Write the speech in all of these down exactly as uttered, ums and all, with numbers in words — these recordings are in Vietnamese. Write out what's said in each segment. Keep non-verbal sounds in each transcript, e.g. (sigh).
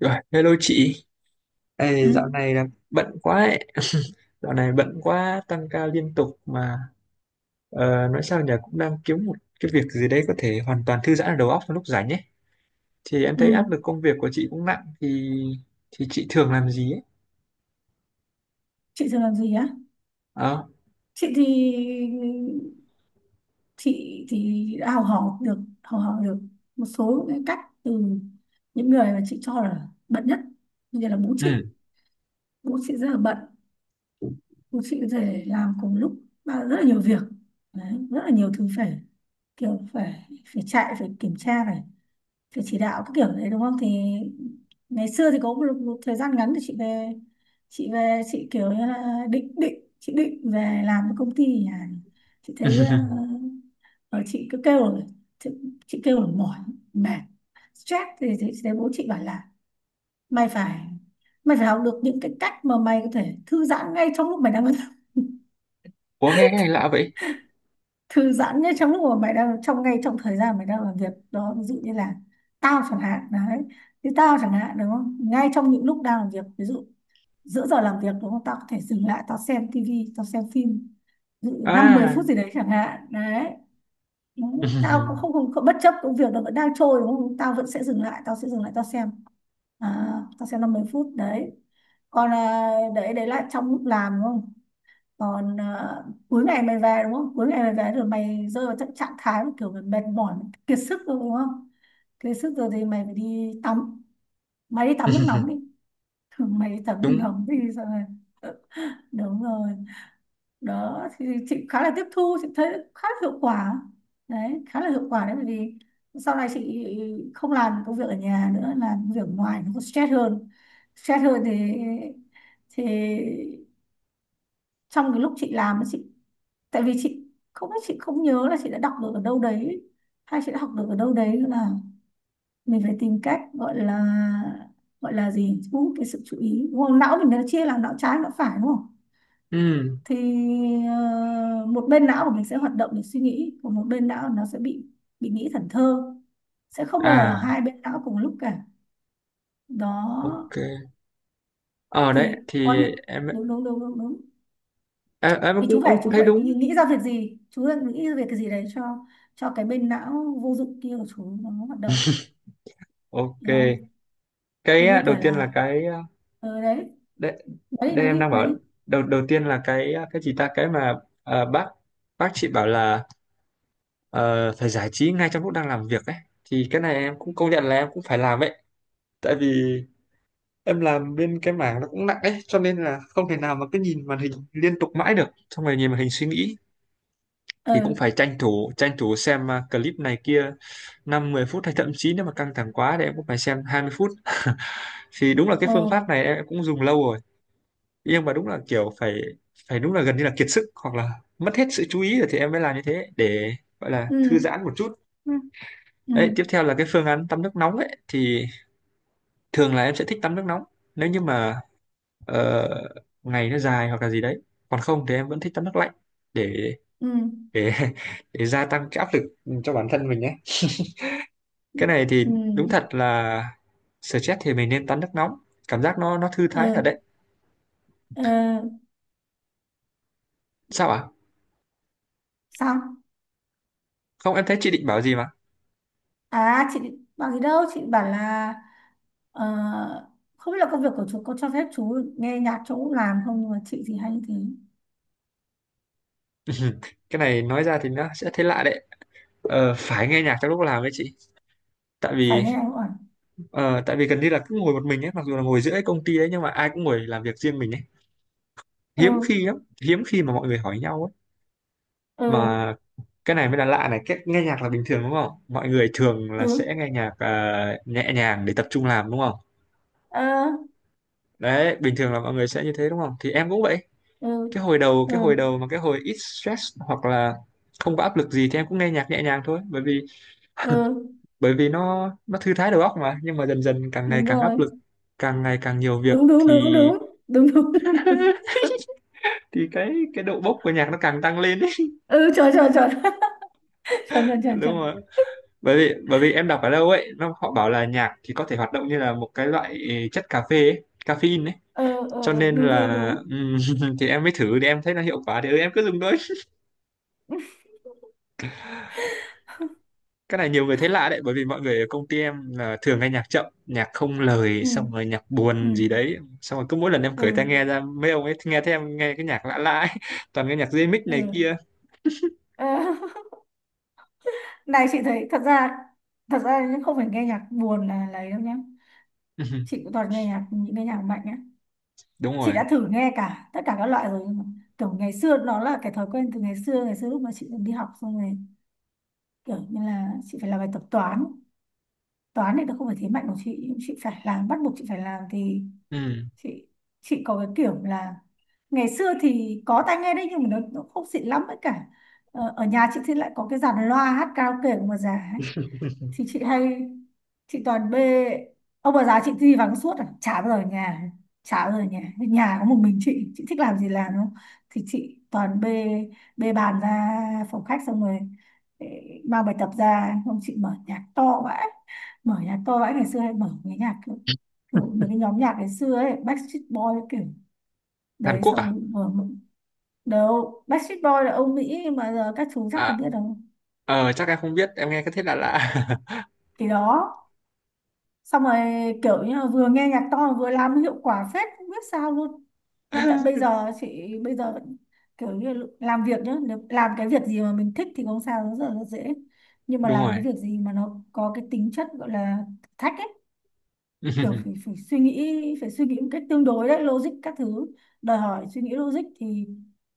Rồi, hello chị. ừ Ê, dạo này là bận quá ấy. Dạo này bận quá, tăng ca liên tục mà ờ, nói sao nhỉ, cũng đang kiếm một cái việc gì đấy có thể hoàn toàn thư giãn ở đầu óc vào lúc rảnh ấy. Thì em ừ thấy áp lực công việc của chị cũng nặng thì thì chị thường làm gì ấy? chị thường làm gì á? Ờ. Chị thì chị thì đã học hỏi được học hỏi được một số cái cách từ những người mà chị cho là bận nhất, như là bố Ừ. chị. Bố chị rất là bận. Bố chị có thể làm cùng lúc ba- rất là nhiều việc. Đấy, rất là nhiều thứ phải, kiểu phải phải chạy, phải kiểm tra, phải phải chỉ đạo các kiểu đấy, đúng không? Thì ngày xưa thì có một, một thời gian ngắn thì chị về. Chị về chị kiểu như là định định chị định về làm cái công ty nhà. Chị thấy ờ, (laughs) ờ, chị cứ kêu là, chị, chị kêu là mỏi, mệt, stress thì, thì chị thấy bố chị bảo là mày phải, mày phải học được những cái cách mà mày có thể thư giãn ngay trong lúc mày đang Ủa nghe cái này lạ vậy? thư giãn nhất, trong lúc mà mày đang trong ngay trong thời gian mày đang làm việc đó. Ví dụ như là tao chẳng hạn đấy, thì tao chẳng hạn đúng không, ngay trong những lúc đang làm việc, ví dụ giữa giờ làm việc đúng không, tao có thể dừng lại tao xem tivi, tao xem phim, ví dụ năm mười À. phút gì đấy chẳng hạn đấy. Đúng. Tao cũng (laughs) không, không, không bất chấp công việc, nó vẫn đang trôi đúng không, tao vẫn sẽ dừng lại, tao sẽ dừng lại tao xem, à, tao xem năm mười phút đấy. Còn à, đấy, đấy là trong lúc làm đúng không, còn à, cuối ngày mày về đúng không, cuối ngày mày về rồi mày rơi vào trạng trạng thái mà kiểu mày mệt mỏi, mày kiệt sức rồi đúng không. Kiệt sức rồi thì mày phải đi tắm, mày đi tắm nước nóng đi (laughs) thường mày đi tắm nước Đúng. nóng đi rồi. ờ, Đúng rồi. Đó thì chị khá là tiếp thu, chị thấy khá là hiệu quả đấy, khá là hiệu quả đấy, bởi vì sau này chị không làm công việc ở nhà nữa, làm công việc ở ngoài nó có stress hơn. Stress hơn thì thì Trong cái lúc chị làm ấy, chị tại vì chị không biết, chị không nhớ là chị đã đọc được ở đâu đấy hay chị đã học được ở đâu đấy nữa, là mình phải tìm cách gọi là, gọi là gì, thu hút cái sự chú ý đúng không? Não mình nó chia làm não trái, não phải đúng không, Ừ. thì ờ, một bên não của mình sẽ hoạt động để suy nghĩ, còn một bên não nó sẽ bị bị nghĩ thần thơ. Sẽ không bao giờ là À, hai bên não cùng lúc cả. Đó ok. Ờ đấy thì có thì những, em đúng đúng đúng đúng đúng, em, em thì chú cũng ông phải, cũng chú thấy phải đúng. nghĩ, nghĩ ra việc gì, chú đang nghĩ ra việc cái gì đấy cho cho cái bên não vô dụng kia của chú nó hoạt động. Ok. Hiểu không? Cái Giống à, như đầu kiểu tiên là là, cái ờ đấy, đây, nói đi đây nói em đi đang nói bảo đi. đầu đầu tiên là cái cái gì ta, cái mà ờ, bác bác chị bảo là ờ, phải giải trí ngay trong lúc đang làm việc ấy, thì cái này em cũng công nhận là em cũng phải làm ấy. Tại vì em làm bên cái mảng nó cũng nặng ấy, cho nên là không thể nào mà cứ nhìn màn hình liên tục mãi được, xong rồi nhìn màn hình suy nghĩ ờ thì cũng phải tranh thủ tranh thủ xem à, clip này kia năm mười phút, hay thậm chí nếu mà căng thẳng quá thì em cũng phải xem hai mươi phút. (laughs) Thì đúng là cái ờ phương pháp này em cũng dùng lâu rồi, nhưng mà đúng là kiểu phải phải đúng là gần như là kiệt sức hoặc là mất hết sự chú ý rồi thì em mới làm như thế để gọi là ừ thư giãn một chút. Ừ. ừ Đấy tiếp theo là cái phương án tắm nước nóng ấy, thì thường là em sẽ thích tắm nước nóng nếu như mà ờ, ngày nó dài hoặc là gì đấy, còn không thì em vẫn thích tắm nước lạnh để ừ để (laughs) để gia tăng cái áp lực cho bản thân mình ấy. Cái này thì ừ đúng thật là stress thì mình nên tắm nước nóng, cảm giác nó nó thư thái thật ờ đấy. ờ Sao ạ? Sao? Không, em thấy chị định bảo gì mà. À chị bảo gì đâu, chị bảo là ờ, không biết là công việc của chú có cho phép chú nghe nhạc chỗ làm không, nhưng mà chị thì hay như thế. (laughs) Cái này nói ra thì nó sẽ thấy lạ đấy. Ờ, phải nghe nhạc trong lúc làm đấy chị. Tại Phải vì nghe anh bảo. ờ, tại vì gần như là cứ ngồi một mình ấy, mặc dù là ngồi giữa cái công ty đấy nhưng mà ai cũng ngồi làm việc riêng mình ấy. Hiếm ừ khi lắm, hiếm khi mà mọi người hỏi nhau ấy. ừ Mà cái này mới là lạ này, cái nghe nhạc là bình thường đúng không, mọi người thường ừ là sẽ nghe nhạc à, nhẹ nhàng để tập trung làm đúng không. ờ Đấy bình thường là mọi người sẽ như thế đúng không, thì em cũng vậy. ừ cái hồi đầu ừ cái hồi đầu mà cái hồi ít stress hoặc là không có áp lực gì thì em cũng nghe nhạc nhẹ nhàng thôi, bởi vì ừ bởi vì nó nó thư thái đầu óc mà. Nhưng mà dần dần càng ngày Đúng càng áp rồi. lực, càng ngày càng nhiều việc Đúng đúng thì đúng đúng đúng đúng. (laughs) (laughs) thì cái cái độ bốc của nhạc nó càng tăng lên ấy. ừ trời trời trời trời trời (laughs) trời trời Đúng rồi. Bởi vì bởi vì em đọc ở đâu ấy, nó họ bảo là nhạc thì có thể hoạt động như là một cái loại chất cà phê ấy, caffeine ấy. (laughs) Ừ ừ cho ừ, nên đúng đúng là đúng. ừm, (laughs) thì em mới thử thì em thấy nó hiệu quả thì ừ, em cứ dùng thôi. Cái này nhiều người thấy lạ đấy, bởi vì mọi người ở công ty em là thường nghe nhạc chậm, nhạc không lời, ừ xong rồi nhạc ừ buồn gì đấy. Xong rồi cứ mỗi lần em cởi tai ừ nghe ra, mấy ông ấy nghe thấy em nghe cái nhạc lạ lạ ấy. (laughs) Toàn nghe nhạc remix này ừ kia. Ờ, (laughs) này chị thấy thật ra, thật ra nhưng không phải nghe nhạc buồn là lấy đâu nhá. (laughs) Chị Ừ, cũng toàn nghe nhạc, những cái nhạc mạnh á. đúng Chị rồi. đã thử nghe cả tất cả các loại rồi, nhưng mà kiểu ngày xưa nó là cái thói quen từ ngày xưa. Ngày xưa lúc mà chị còn đi học, xong rồi kiểu như là chị phải làm bài tập toán. Toán thì nó không phải thế mạnh của chị, nhưng chị phải làm, bắt buộc chị phải làm, thì Ừ. chị chị có cái kiểu là ngày xưa thì có tai nghe đấy, nhưng mà nó, nó không xịn lắm, với cả ờ, ở nhà chị thì lại có cái dàn loa hát karaoke của một già, thì chị hay, chị toàn bê ông bà già chị đi vắng suốt à, chả bao giờ ở nhà. Chả bao giờ ở nhà, nhà có một mình chị chị thích làm gì làm đúng không, thì chị toàn bê, bê bàn ra phòng khách, xong rồi eh, mang bài tập ra, không chị mở nhạc to vãi. Mở nhạc to vãi, ngày xưa hay mở cái nhạc kiểu, kiểu mấy cái nhóm nhạc ngày xưa ấy, Backstreet Boy, kiểu Hàn đấy, Quốc xong à? rồi mở. Đâu, Backstreet Boy là ông Mỹ mà, giờ các chú chắc không À, biết đâu. ờ chắc em không biết, em nghe cái thế lạ lạ. Thì đó, xong rồi kiểu như là vừa nghe nhạc to mà vừa làm, hiệu quả phết không biết sao luôn. Đến tận bây (laughs) giờ chị, bây giờ vẫn kiểu như là làm việc nhá, nếu làm cái việc gì mà mình thích thì không sao, rất là rất dễ, nhưng mà Đúng làm rồi. cái việc gì mà nó có cái tính chất gọi là thử thách ấy, kiểu phải, (laughs) phải suy nghĩ, phải suy nghĩ một cách tương đối đấy, logic các thứ, đòi hỏi suy nghĩ logic, thì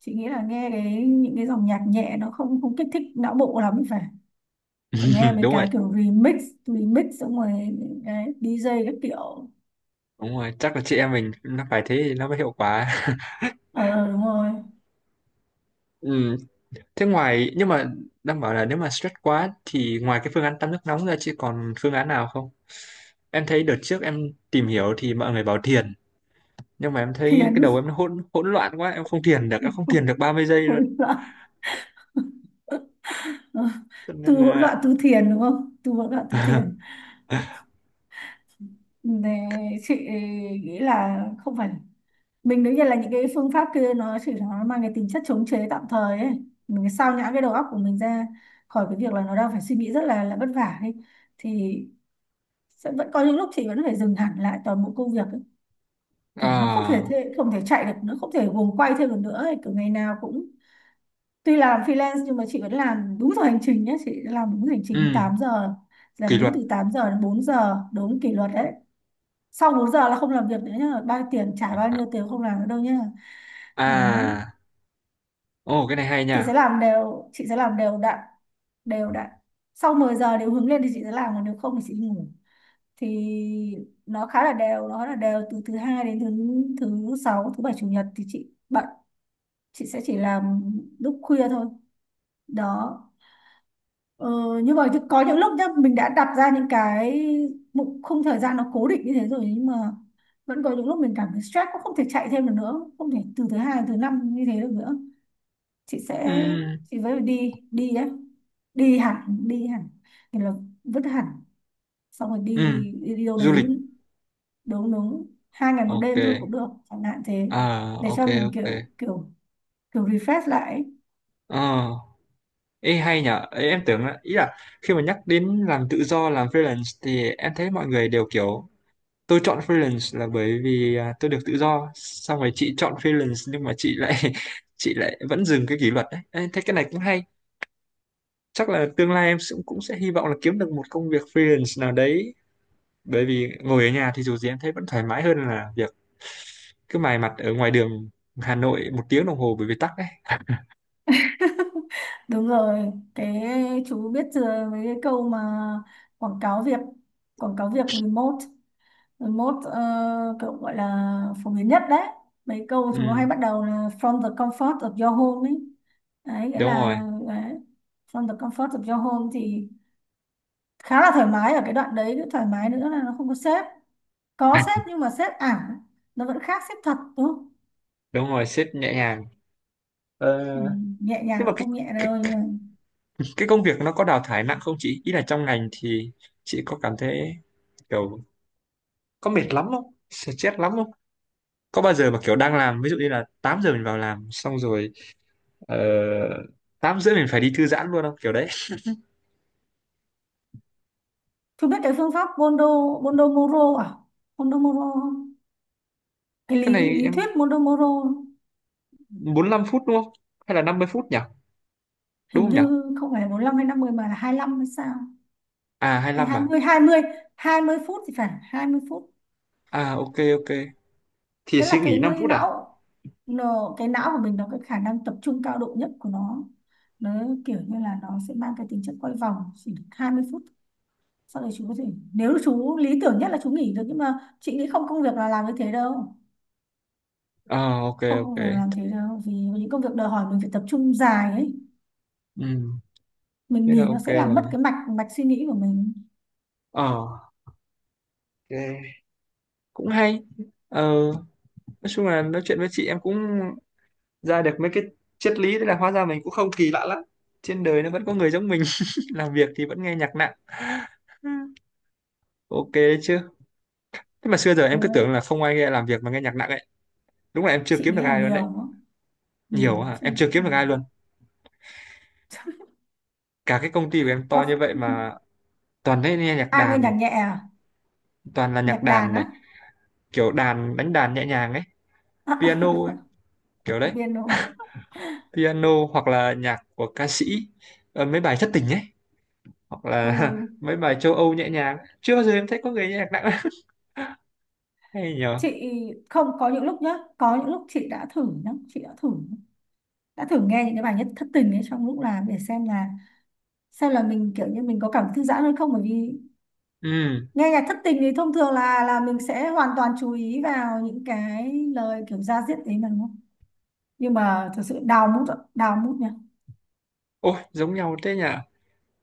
chị nghĩ là nghe cái những cái dòng nhạc nhẹ nó không, không kích thích não bộ lắm. Phải, phải nghe mấy Đúng rồi, cái kiểu remix remix xong rồi cái đi giê các kiểu. đúng rồi, chắc là chị em mình nó phải thế thì nó mới hiệu quả. Ờ đúng rồi. (laughs) Ừ. Thế ngoài, nhưng mà đang bảo là nếu mà stress quá thì ngoài cái phương án tắm nước nóng ra chứ còn phương án nào không? Em thấy đợt trước em tìm hiểu thì mọi người bảo thiền, nhưng mà em thấy Thiền cái đầu em nó hỗn hỗn loạn quá, em không thiền được, em không thiền được ba mươi giây (laughs) luôn. hỗn loạn. Ờ, Cho nên tu hỗn là loạn tu thiền đúng không, tu hỗn loạn tu thiền (laughs) để, chị nghĩ là không phải, mình đương nhiên là những cái phương pháp kia nó chỉ là nó mang cái tính chất chống chế tạm thời ấy, mình cái sao nhãng cái đầu óc của mình ra khỏi cái việc là nó đang phải suy nghĩ rất là là vất vả ấy, thì sẽ vẫn có những lúc chị vẫn phải dừng hẳn lại toàn bộ công việc ấy. Kiểu nó không thể à thế, không thể chạy được nữa, không thể guồng quay thêm được nữa ấy. Kiểu ngày nào cũng, tuy làm freelance nhưng mà chị vẫn làm đúng giờ hành trình nhé. Chị làm đúng giờ hành trình ừ, tám giờ, làm kỷ đúng luật. từ tám giờ đến bốn giờ, đúng kỷ luật đấy. Sau bốn giờ là không làm việc nữa nhá, bao nhiêu tiền trả bao nhiêu tiền không làm nữa đâu nhá. Đấy, À ồ cái này hay chị nha. sẽ làm đều, chị sẽ làm đều đặn, đều đặn. Sau mười giờ nếu hướng lên thì chị sẽ làm, còn nếu không thì chị ngủ, thì nó khá là đều, nó là đều từ thứ hai đến thứ thứ sáu. Thứ bảy chủ nhật thì chị bận, chị sẽ chỉ làm lúc khuya thôi. Đó, Ờ, nhưng mà có những lúc nhá, mình đã đặt ra những cái mục khung thời gian nó cố định như thế rồi, nhưng mà vẫn có những lúc mình cảm thấy stress, cũng không thể chạy thêm được nữa, không thể từ thứ hai đến thứ năm như thế được nữa. Chị Ừ, sẽ, chị với đi đi đấy, đi hẳn, đi hẳn, thì là vứt hẳn, xong rồi đi, ừ, đi, đi đâu du lịch. đấy. Đúng đúng, hai ngày một Ok. đêm thôi cũng được chẳng hạn thế, À để ok cho mình ok. kiểu kiểu, kiểu refresh lại ấy. Ờ. Ê hay nhở, ê, em tưởng là, ý là khi mà nhắc đến làm tự do, làm freelance thì em thấy mọi người đều kiểu tôi chọn freelance là bởi vì à, tôi được tự do. Xong rồi chị chọn freelance nhưng mà chị lại (laughs) chị lại vẫn dừng cái kỷ luật đấy. Ê, thấy cái này cũng hay. Chắc là tương lai em cũng cũng sẽ hy vọng là kiếm được một công việc freelance nào đấy. Bởi vì ngồi ở nhà thì dù gì em thấy vẫn thoải mái hơn là việc cứ mài mặt ở ngoài đường Hà Nội một tiếng đồng hồ bởi vì tắc đấy. (laughs) (laughs) Đúng rồi, cái chú biết chưa, với cái câu mà quảng cáo việc, quảng cáo việc remote remote uh, kiểu gọi là phổ biến nhất đấy. Mấy câu chúng nó Ừ, hay bắt đầu là from the comfort of your home ấy. Đấy, nghĩa đúng rồi. là đấy, from the comfort of your home thì khá là thoải mái ở cái đoạn đấy, cái thoải mái nữa là nó không có sếp. Có sếp nhưng mà sếp ảo, nó vẫn khác sếp thật đúng không? (laughs) Đúng rồi, sếp nhẹ nhàng. Ờ, Ừ, nhẹ nhàng nhưng mà cũng cái, không nhẹ cái đâu cái nhưng mà, cái công việc nó có đào thải nặng không chị, ý là trong ngành thì chị có cảm thấy kiểu có mệt lắm không, stress lắm không, có bao giờ mà kiểu đang làm ví dụ như là tám giờ mình vào làm xong rồi ờ, tám rưỡi mình phải đi thư giãn luôn không, kiểu đấy. chú biết cái phương pháp bondo, bondomoro à? Bondomoro không? Cái Cái lý, này lý em thuyết bondomoro, bốn lăm phút đúng không, hay là năm mươi phút nhỉ, đúng hình không nhỉ. như không phải bốn mươi lăm hay năm mươi mà là hai lăm hay sao? À hai Hay hai lăm hai à. mươi, hai mươi hai mươi phút thì phải, hai mươi phút. À ok ok. Thì Tức là suy cái nghỉ năm phút à. não, nó, cái não của mình nó, cái khả năng tập trung cao độ nhất của nó. Nó kiểu như là nó sẽ mang cái tính chất quay vòng chỉ được hai mươi phút. Sau đấy chú có thể, nếu chú lý tưởng nhất là chú nghỉ được, nhưng mà chị nghĩ không, công việc là làm như thế đâu. Ờ ok Không ok. công việc làm thế đâu, vì những công việc đòi hỏi mình phải tập trung dài ấy, Ừ mình thế là nghỉ nó ok sẽ làm mất rồi. cái mạch, mạch suy nghĩ của mình. Ờ ok. Cũng hay. Ờ nói chung là nói chuyện với chị em cũng ra được mấy cái triết lý, thế là hóa ra mình cũng không kỳ lạ lắm, trên đời nó vẫn có người giống mình. (laughs) Làm việc thì vẫn nghe nhạc nặng. (laughs) Ok đấy chứ. Thế mà xưa giờ Ờ, em cứ tưởng là không ai nghe làm việc mà nghe nhạc nặng ấy, đúng là em chưa chị kiếm nghĩ được là ai luôn nhiều đấy. đó. Nhiều Nhiều quá à, chứ em chưa kiếm được ai không- luôn, (laughs) cả cái công ty của em to có như vậy mà toàn thấy nghe nhạc ai nghe nhạc đàn, nhẹ à? toàn là Nhạc nhạc đàn đàn á? này, kiểu đàn đánh đàn nhẹ nhàng ấy, piano ấy, kiểu (laughs) có đấy. piano à? Piano hoặc là nhạc của ca sĩ, ờ, mấy bài thất tình ấy, hoặc là Ừ (laughs) mấy bài châu Âu nhẹ nhàng, chưa bao giờ em thấy có người nghe nhạc nặng. (laughs) Hay nhờ. chị không, có những lúc nhá, có những lúc chị đã thử nhá, chị đã thử, đã thử nghe những cái bài nhất thất tình ấy trong lúc làm để xem là, xem là mình kiểu như mình có cảm thư giãn hơn không, bởi vì Ừ nghe nhạc thất tình thì thông thường là là mình sẽ hoàn toàn chú ý vào những cái lời kiểu da diết đấy mà đúng không, nhưng mà thực sự đào mút ạ, đào mút nha. ôi giống nhau thế nhỉ.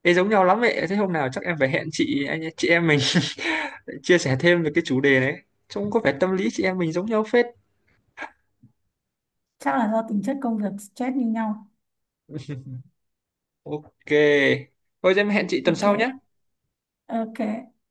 Ê, giống nhau lắm vậy, thế hôm nào chắc em phải hẹn chị, anh chị em mình (laughs) chia sẻ thêm về cái chủ đề đấy, trông có vẻ tâm lý chị em mình giống nhau phết. Chắc là do tính chất công việc stress như nhau. Ok thôi em hẹn chị tuần Ok sau nhé. ok.